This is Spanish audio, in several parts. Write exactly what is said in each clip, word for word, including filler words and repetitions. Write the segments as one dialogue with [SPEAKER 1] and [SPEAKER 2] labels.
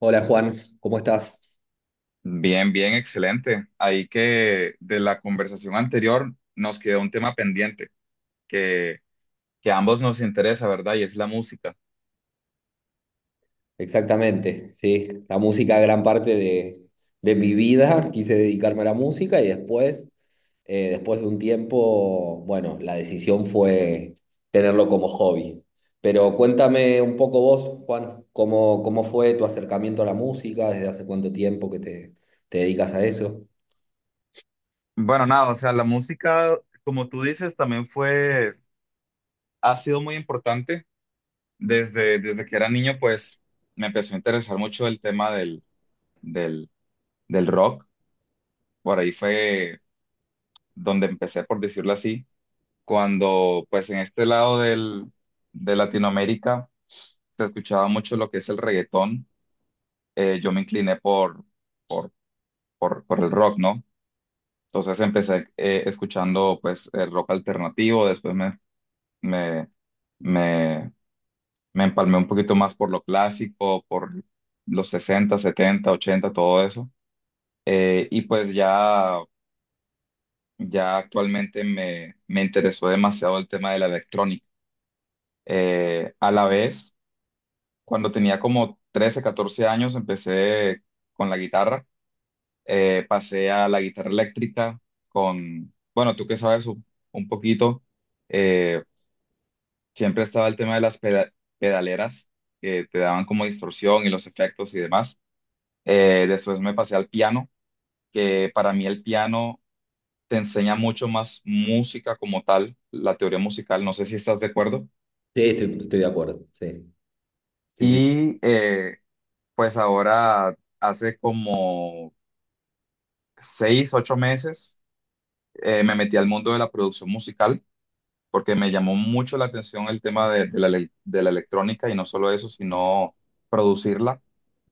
[SPEAKER 1] Hola Juan, ¿cómo estás?
[SPEAKER 2] Bien, bien, excelente. Ahí que de la conversación anterior nos quedó un tema pendiente que, que a ambos nos interesa, ¿verdad? Y es la música.
[SPEAKER 1] Exactamente, sí, la música gran parte de, de mi vida, quise dedicarme a la música y después, eh, después de un tiempo, bueno, la decisión fue tenerlo como hobby. Pero cuéntame un poco vos, Juan, ¿cómo, cómo fue tu acercamiento a la música? ¿Desde hace cuánto tiempo que te, te dedicas a eso?
[SPEAKER 2] Bueno, nada, o sea, la música, como tú dices, también fue, ha sido muy importante. Desde, desde que era niño, pues me empezó a interesar mucho el tema del, del, del rock. Por ahí fue donde empecé, por decirlo así, cuando pues en este lado del, de Latinoamérica se escuchaba mucho lo que es el reggaetón. Eh, yo me incliné por, por, por, por el rock, ¿no? Entonces empecé eh, escuchando pues el rock alternativo. Después me, me, me, me empalmé un poquito más por lo clásico, por los sesenta, setenta, ochenta, todo eso. Eh, y pues ya, ya actualmente me, me interesó demasiado el tema de la electrónica. Eh, a la vez, cuando tenía como trece, catorce años, empecé con la guitarra. Eh, pasé a la guitarra eléctrica con, bueno, tú que sabes un, un poquito, eh, siempre estaba el tema de las peda- pedaleras que te daban como distorsión y los efectos y demás. Eh, después me pasé al piano, que para mí el piano te enseña mucho más música como tal, la teoría musical. No sé si estás de acuerdo.
[SPEAKER 1] Sí, estoy, estoy de acuerdo, sí, sí, sí.
[SPEAKER 2] Y eh, pues ahora hace como seis, ocho meses eh, me metí al mundo de la producción musical porque me llamó mucho la atención el tema de, de la, ele- de la electrónica y no solo eso, sino producirla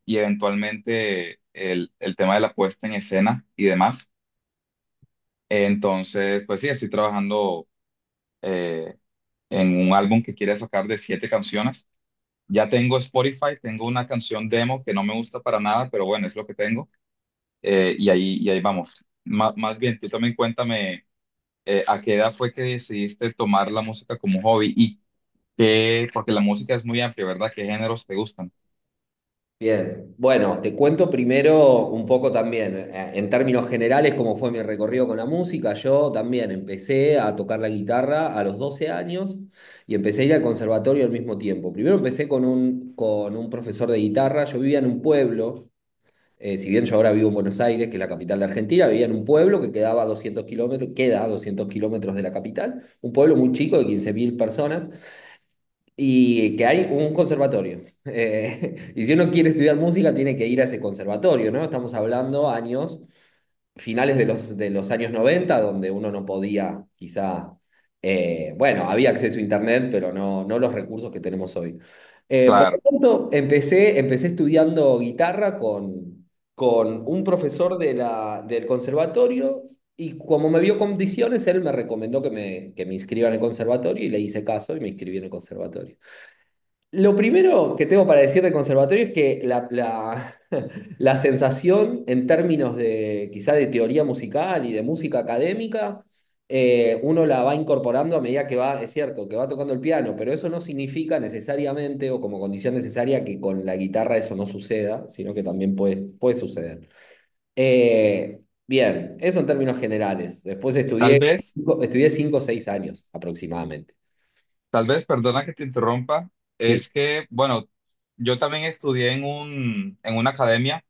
[SPEAKER 2] y eventualmente el, el tema de la puesta en escena y demás. Entonces, pues sí, estoy trabajando eh, en un álbum que quiere sacar de siete canciones. Ya tengo Spotify, tengo una canción demo que no me gusta para nada, pero bueno, es lo que tengo. Eh, y ahí, y ahí vamos. Ma- más bien, tú también cuéntame eh, a qué edad fue que decidiste tomar la música como hobby y que, porque la música es muy amplia, ¿verdad? ¿Qué géneros te gustan?
[SPEAKER 1] Bien, bueno, te cuento primero un poco también, eh, en términos generales, cómo fue mi recorrido con la música. Yo también empecé a tocar la guitarra a los doce años y empecé a ir al conservatorio al mismo tiempo. Primero empecé con un, con un profesor de guitarra. Yo vivía en un pueblo. Eh, si bien yo ahora vivo en Buenos Aires, que es la capital de Argentina, vivía en un pueblo que quedaba a doscientos kilómetros, queda a doscientos kilómetros de la capital, un pueblo muy chico de quince mil personas y que hay un conservatorio. Eh, y si uno quiere estudiar música, tiene que ir a ese conservatorio, ¿no? Estamos hablando años, finales de los, de los años noventa, donde uno no podía, quizá, eh, bueno, había acceso a Internet, pero no, no los recursos que tenemos hoy. Eh, por lo
[SPEAKER 2] Claro.
[SPEAKER 1] tanto, empecé, empecé estudiando guitarra con, con un profesor de la, del conservatorio. Y como me vio condiciones, él me recomendó que me, que me inscriba en el conservatorio, y le hice caso y me inscribí en el conservatorio. Lo primero que tengo para decir del conservatorio es que la, la- la sensación en términos de quizá de teoría musical y de música académica, eh, uno la va incorporando a medida que va, es cierto, que va tocando el piano, pero eso no significa necesariamente o como condición necesaria que con la guitarra eso no suceda, sino que también puede, puede suceder. Eh, Bien, eso en términos generales. Después
[SPEAKER 2] Tal
[SPEAKER 1] estudié,
[SPEAKER 2] vez,
[SPEAKER 1] estudié cinco o seis años aproximadamente.
[SPEAKER 2] tal vez, perdona que te interrumpa,
[SPEAKER 1] Sí.
[SPEAKER 2] es que, bueno, yo también estudié en un, en una academia,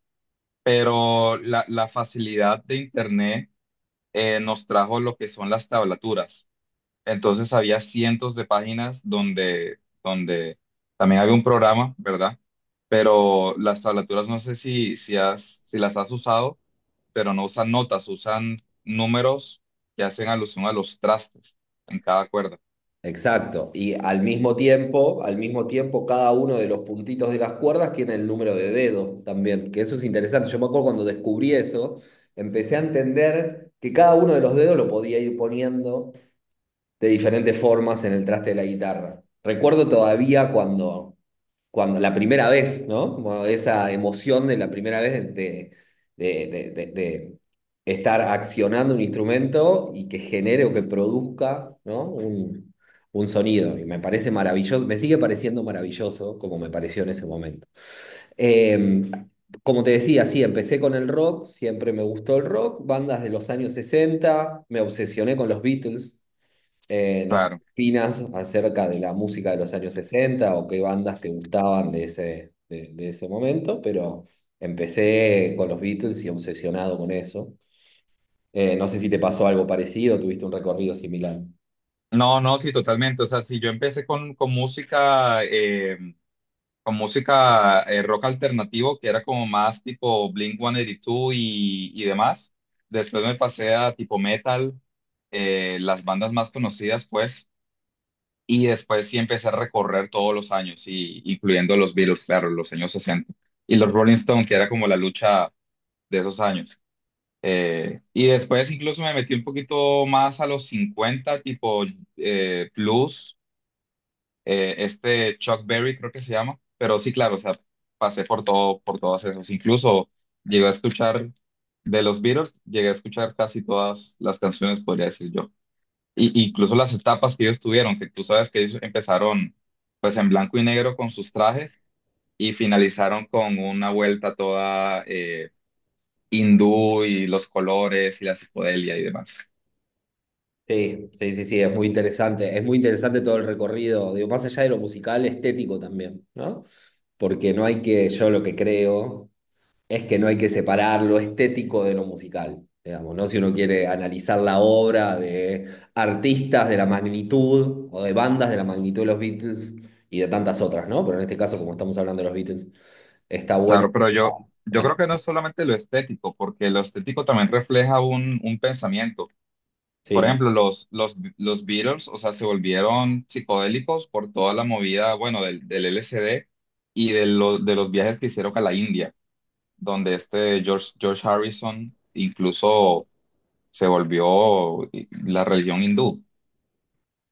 [SPEAKER 2] pero la, la facilidad de internet eh, nos trajo lo que son las tablaturas. Entonces había cientos de páginas donde, donde también había un programa, ¿verdad? Pero las tablaturas, no sé si, si has, si las has usado, pero no usan notas, usan números que hacen alusión a los trastes en cada cuerda.
[SPEAKER 1] Exacto. Y al mismo tiempo, al mismo tiempo, cada uno de los puntitos de las cuerdas tiene el número de dedo también, que eso es interesante. Yo me acuerdo cuando descubrí eso, empecé a entender que cada uno de los dedos lo podía ir poniendo de diferentes formas en el traste de la guitarra. Recuerdo todavía cuando, cuando la primera vez, ¿no? Como esa emoción de la primera vez de, de, de- de- de estar accionando un instrumento y que genere o que produzca, ¿no? un, un sonido. Y me parece maravilloso, me sigue pareciendo maravilloso como me pareció en ese momento. Eh, Como te decía, sí, empecé con el rock, siempre me gustó el rock, bandas de los años sesenta, me obsesioné con los Beatles. Eh, no sé, ¿qué
[SPEAKER 2] Claro.
[SPEAKER 1] opinas acerca de la música de los años sesenta o qué bandas te gustaban de ese, de, de ese momento? Pero empecé con los Beatles y obsesionado con eso. Eh, no sé si te pasó algo parecido, tuviste un recorrido similar.
[SPEAKER 2] No, no, sí, totalmente. O sea, si yo empecé con, con música, eh, con música eh, rock alternativo, que era como más tipo Blink uno ochenta y dos y, dos y y demás, después me pasé a tipo metal, eh, las bandas más conocidas, pues, y después sí empecé a recorrer todos los años, y, incluyendo los Beatles, claro, los años sesenta y los Rolling Stone, que era como la lucha de esos años. Eh, y después incluso me metí un poquito más a los cincuenta tipo eh, Plus, eh, este Chuck Berry creo que se llama. Pero sí, claro, o sea, pasé por todo, por todos esos. Incluso llegué a escuchar de los Beatles, llegué a escuchar casi todas las canciones, podría decir yo. Y, incluso las etapas que ellos tuvieron, que tú sabes que ellos empezaron pues en blanco y negro con sus trajes y finalizaron con una vuelta toda eh, hindú y los colores y la psicodelia y demás.
[SPEAKER 1] Sí, sí, sí, sí, es muy interesante. Es muy interesante todo el recorrido, digo, más allá de lo musical, estético también, ¿no? Porque no hay que, yo lo que creo es que no hay que separar lo estético de lo musical, digamos, ¿no? Si uno quiere analizar la obra de artistas de la magnitud o de bandas de la magnitud de los Beatles y de tantas otras, ¿no? Pero en este caso, como estamos hablando de los Beatles, está bueno.
[SPEAKER 2] Claro, pero
[SPEAKER 1] Ah,
[SPEAKER 2] yo,
[SPEAKER 1] ah,
[SPEAKER 2] yo creo que
[SPEAKER 1] no.
[SPEAKER 2] no es solamente lo estético, porque lo estético también refleja un, un pensamiento. Por
[SPEAKER 1] Sí,
[SPEAKER 2] ejemplo, los, los, los Beatles, o sea, se volvieron psicodélicos por toda la movida, bueno, del, del L S D y de, lo- de los viajes que hicieron a la India, donde este George, George Harrison incluso se volvió eh, la religión hindú.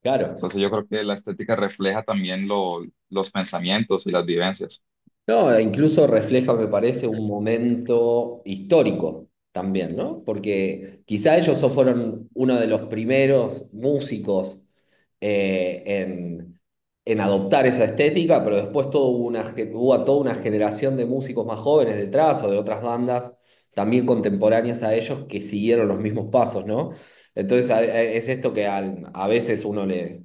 [SPEAKER 1] claro.
[SPEAKER 2] Entonces yo creo que la estética refleja también lo- los pensamientos y las vivencias.
[SPEAKER 1] No, incluso refleja, me parece, un momento histórico también, ¿no? Porque quizá ellos so- fueron uno de los primeros músicos, eh, en, en, adoptar esa estética, pero después todo hubo, una, ge- hubo a toda una generación de músicos más jóvenes detrás o de otras bandas también contemporáneas a ellos que siguieron los mismos pasos, ¿no? Entonces a- a- es esto que al- a veces uno le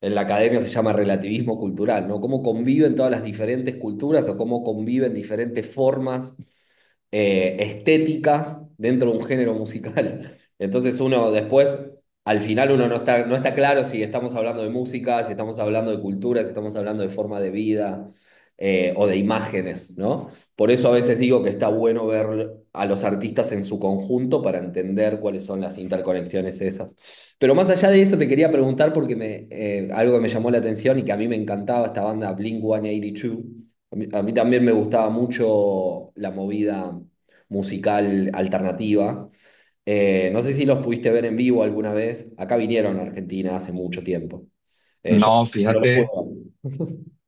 [SPEAKER 1] en la academia se llama relativismo cultural, ¿no? Cómo conviven todas las diferentes culturas o cómo conviven diferentes formas eh, estéticas dentro de un género musical. Entonces uno después, al final uno no está, no está claro si estamos hablando de música, si estamos hablando de cultura, si estamos hablando de forma de vida, eh, o de imágenes, ¿no? Por eso a veces digo que está bueno ver a los artistas en su conjunto para entender cuáles son las interconexiones esas. Pero más allá de eso te quería preguntar porque me, eh, algo que me llamó la atención y que a mí me encantaba esta banda Blink one eighty two, a mí, a mí también me gustaba mucho la movida musical alternativa. Eh, no sé si los pudiste ver en vivo alguna vez. Acá vinieron a Argentina hace mucho tiempo. Eh, yo
[SPEAKER 2] No,
[SPEAKER 1] no los
[SPEAKER 2] fíjate.
[SPEAKER 1] pude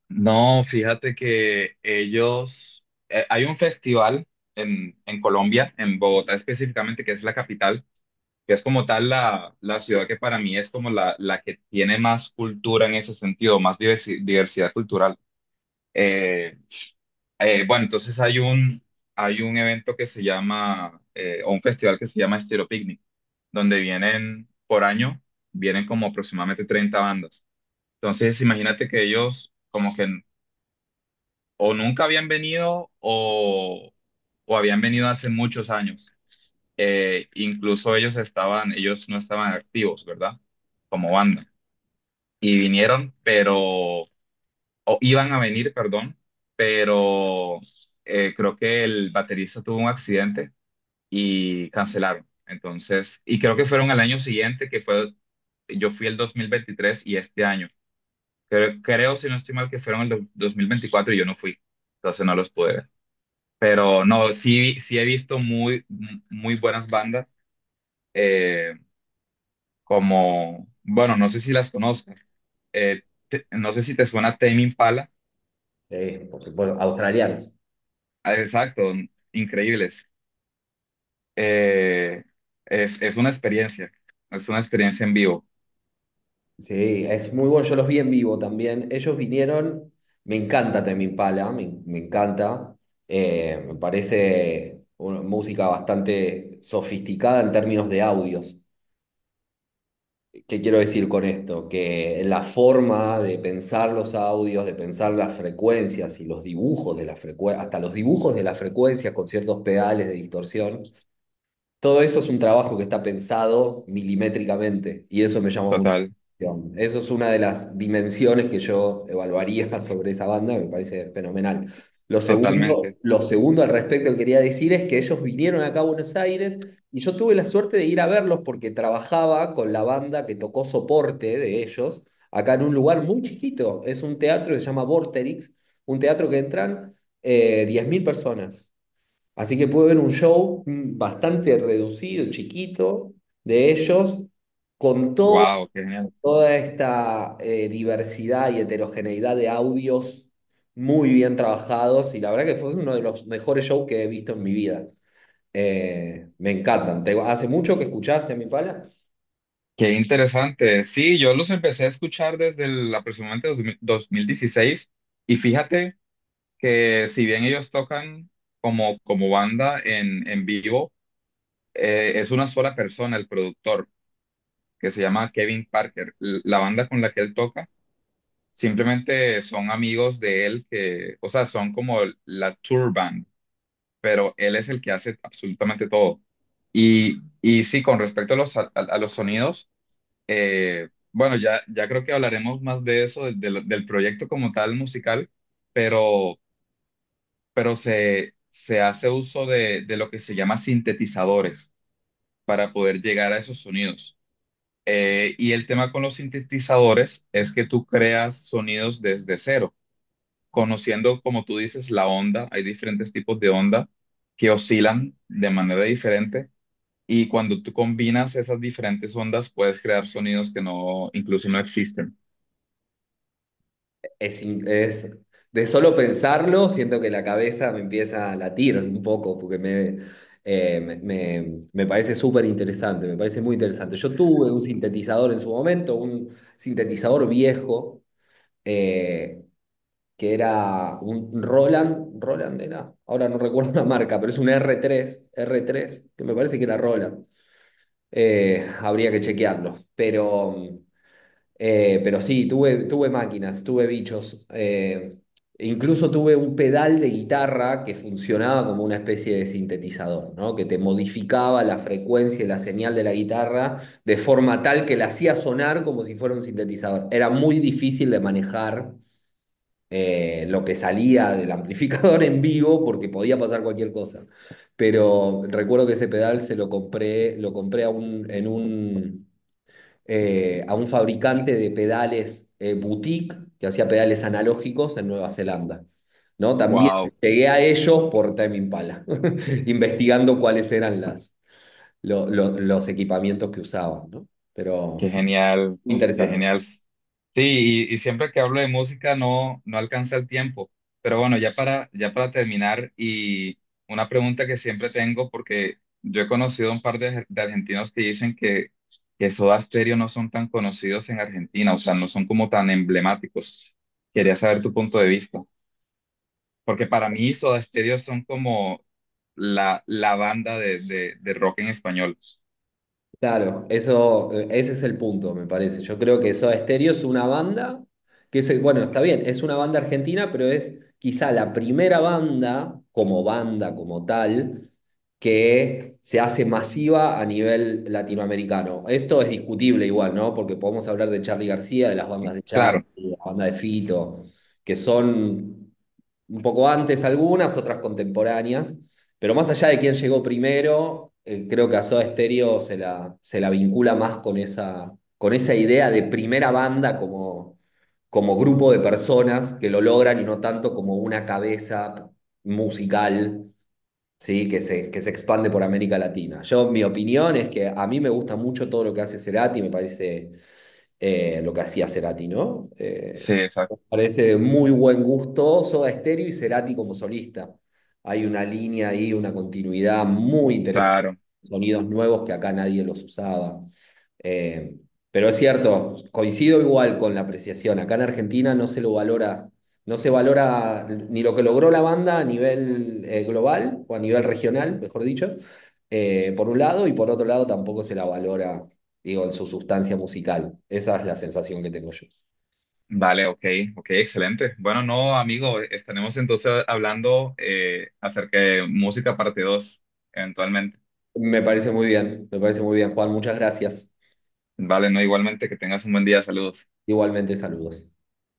[SPEAKER 2] No, fíjate que ellos, eh, hay un festival en, en Colombia, en Bogotá específicamente, que es la capital, que es como tal la, la ciudad que para mí es como la, la que tiene más cultura en ese sentido, más diversi- diversidad cultural. Eh, eh, bueno, entonces hay un, hay un evento que se llama, eh, o un festival que se llama Estilo Picnic, donde vienen por año, vienen como aproximadamente treinta bandas. Entonces, imagínate que ellos como que o nunca habían venido o, o habían venido hace muchos años. Eh, incluso ellos estaban, ellos no estaban activos, ¿verdad? Como banda. Y vinieron, pero, o iban a venir, perdón, pero eh, creo que el baterista tuvo un accidente y cancelaron. Entonces, y creo que fueron al año siguiente, que fue, yo fui el dos mil veintitrés y este año. Creo, creo, si no estoy mal, que fueron el do- dos mil veinticuatro y yo no fui. Entonces no los pude ver. Pero no, sí, sí he visto muy, muy buenas bandas, eh, como, bueno, no sé si las conozco, eh, te- no sé si te suena Tame Impala.
[SPEAKER 1] ver. Sí, por supuesto, australianos.
[SPEAKER 2] Ah, exacto, increíbles. Eh, es, es una experiencia, es una experiencia en vivo,
[SPEAKER 1] Sí, es muy bueno. Yo los vi en vivo también. Ellos vinieron. Me encanta Tame Impala, me, me encanta. Eh, me parece una música bastante sofisticada en términos de audios. ¿Qué quiero decir con esto? Que la forma de pensar los audios, de pensar las frecuencias y los dibujos de la frecuencia, hasta los dibujos de las frecuencias con ciertos pedales de distorsión, todo eso es un trabajo que está pensado milimétricamente y eso me llama mucho la
[SPEAKER 2] total,
[SPEAKER 1] atención. Eso es una de las dimensiones que yo evaluaría sobre esa banda, me parece fenomenal. Lo segundo,
[SPEAKER 2] totalmente.
[SPEAKER 1] lo segundo al respecto que quería decir es que ellos vinieron acá a Buenos Aires y yo tuve la suerte de ir a verlos porque trabajaba con la banda que tocó soporte de ellos acá en un lugar muy chiquito. Es un teatro que se llama Vorterix, un teatro que entran, eh, diez mil personas. Así que pude ver un show, mm, bastante reducido, chiquito, de ellos, con to-
[SPEAKER 2] Wow, qué genial.
[SPEAKER 1] toda esta, eh, diversidad y heterogeneidad de audios muy bien trabajados. Y la verdad que fue uno de los mejores shows que he visto en mi vida. Eh, me encantan. ¿Te- ¿hace mucho que escuchaste a mi pala?
[SPEAKER 2] Qué interesante. Sí, yo los empecé a escuchar desde el, aproximadamente dos mil- dos mil dieciséis y fíjate que si bien ellos tocan como, como banda en, en vivo, eh, es una sola persona, el productor, que se llama Kevin Parker. L- La banda con la que él toca simplemente son amigos de él que, o sea, son como la tour band, pero él es el que hace absolutamente todo. Y, y sí, con respecto a los, a, a los sonidos, eh, bueno, ya, ya creo que hablaremos más de eso, del del proyecto como tal musical, pero... pero se, se hace uso de, de lo que se llama sintetizadores para poder llegar a esos sonidos. Eh, y el tema con los sintetizadores es que tú creas sonidos desde cero, conociendo, como tú dices, la onda. Hay diferentes tipos de onda que oscilan de manera diferente. Y cuando tú combinas esas diferentes ondas, puedes crear sonidos que no, incluso no existen.
[SPEAKER 1] Es, in- es- de solo pensarlo, siento que la cabeza me empieza a latir un poco, porque me, eh, me, me- me parece súper interesante, me parece muy interesante. Yo tuve un sintetizador en su momento, un sintetizador viejo, eh, que era un Roland, Roland, era, ahora no recuerdo la marca, pero es un r tres r tres que me parece que era Roland. Eh, habría que chequearlo, pero... Eh, pero sí, tuve, tuve máquinas, tuve bichos. Eh, e incluso tuve un pedal de guitarra que funcionaba como una especie de sintetizador, ¿no? Que te modificaba la frecuencia y la señal de la guitarra de forma tal que la hacía sonar como si fuera un sintetizador. Era muy difícil de manejar, eh, lo que salía del amplificador en vivo, porque podía pasar cualquier cosa. Pero recuerdo que ese pedal se lo compré, lo compré a un, en un, eh, a un fabricante de pedales, eh, boutique, que hacía pedales analógicos en Nueva Zelanda. ¿No? También
[SPEAKER 2] Wow.
[SPEAKER 1] llegué a ellos por Time Impala, investigando cuáles eran las, lo- lo- los equipamientos que usaban, ¿no? Pero
[SPEAKER 2] Qué genial,
[SPEAKER 1] muy
[SPEAKER 2] qué
[SPEAKER 1] interesante.
[SPEAKER 2] genial. Sí, y, y siempre que hablo de música no, no alcanza el tiempo. Pero bueno, ya para, ya para terminar, y una pregunta que siempre tengo, porque yo he conocido un par de, de argentinos que dicen que, que Soda Stereo no son tan conocidos en Argentina, o sea, no son como tan emblemáticos. Quería saber tu punto de vista, porque para mí Soda Stereo son como la, la banda de, de, de rock en español.
[SPEAKER 1] Claro, eso, eh, ese es el punto, me parece. Yo creo que Soda Stereo es una banda que es, bueno, está bien, es una banda argentina, pero es quizá la primera banda, como banda, como tal, que se hace masiva a nivel latinoamericano. Esto es discutible igual, ¿no? Porque podemos hablar de Charly García, de las bandas de Charly,
[SPEAKER 2] Claro,
[SPEAKER 1] de la banda de Fito, que son un poco antes algunas, otras contemporáneas, pero más allá de quién llegó primero, eh, creo que a Soda Stereo se la, se la vincula más con esa, con esa, idea de primera banda como, como grupo de personas que lo logran y no tanto como una cabeza musical, ¿sí? que se, que se expande por América Latina. Yo, mi opinión es que a mí me gusta mucho todo lo que hace Cerati, me parece, eh, lo que hacía Cerati, ¿no? Eh,
[SPEAKER 2] sí,
[SPEAKER 1] me
[SPEAKER 2] exacto,
[SPEAKER 1] parece muy buen gusto Soda Stereo y Cerati como solista. Hay una línea ahí, una continuidad muy interesante,
[SPEAKER 2] claro.
[SPEAKER 1] sonidos nuevos que acá nadie los usaba. Eh, pero es cierto, coincido igual con la apreciación. Acá en Argentina no se lo valora, no se valora ni lo que logró la banda a nivel, eh, global, o a nivel regional, mejor dicho, eh, por un lado, y por otro lado tampoco se la valora, digo, en su sustancia musical. Esa es la sensación que tengo yo.
[SPEAKER 2] Vale, ok, ok, excelente. Bueno, no, amigo, estaremos entonces hablando eh, acerca de música parte dos, eventualmente.
[SPEAKER 1] Me parece muy bien, me parece muy bien, Juan, muchas gracias.
[SPEAKER 2] Vale, no, igualmente, que tengas un buen día, saludos.
[SPEAKER 1] Igualmente, saludos.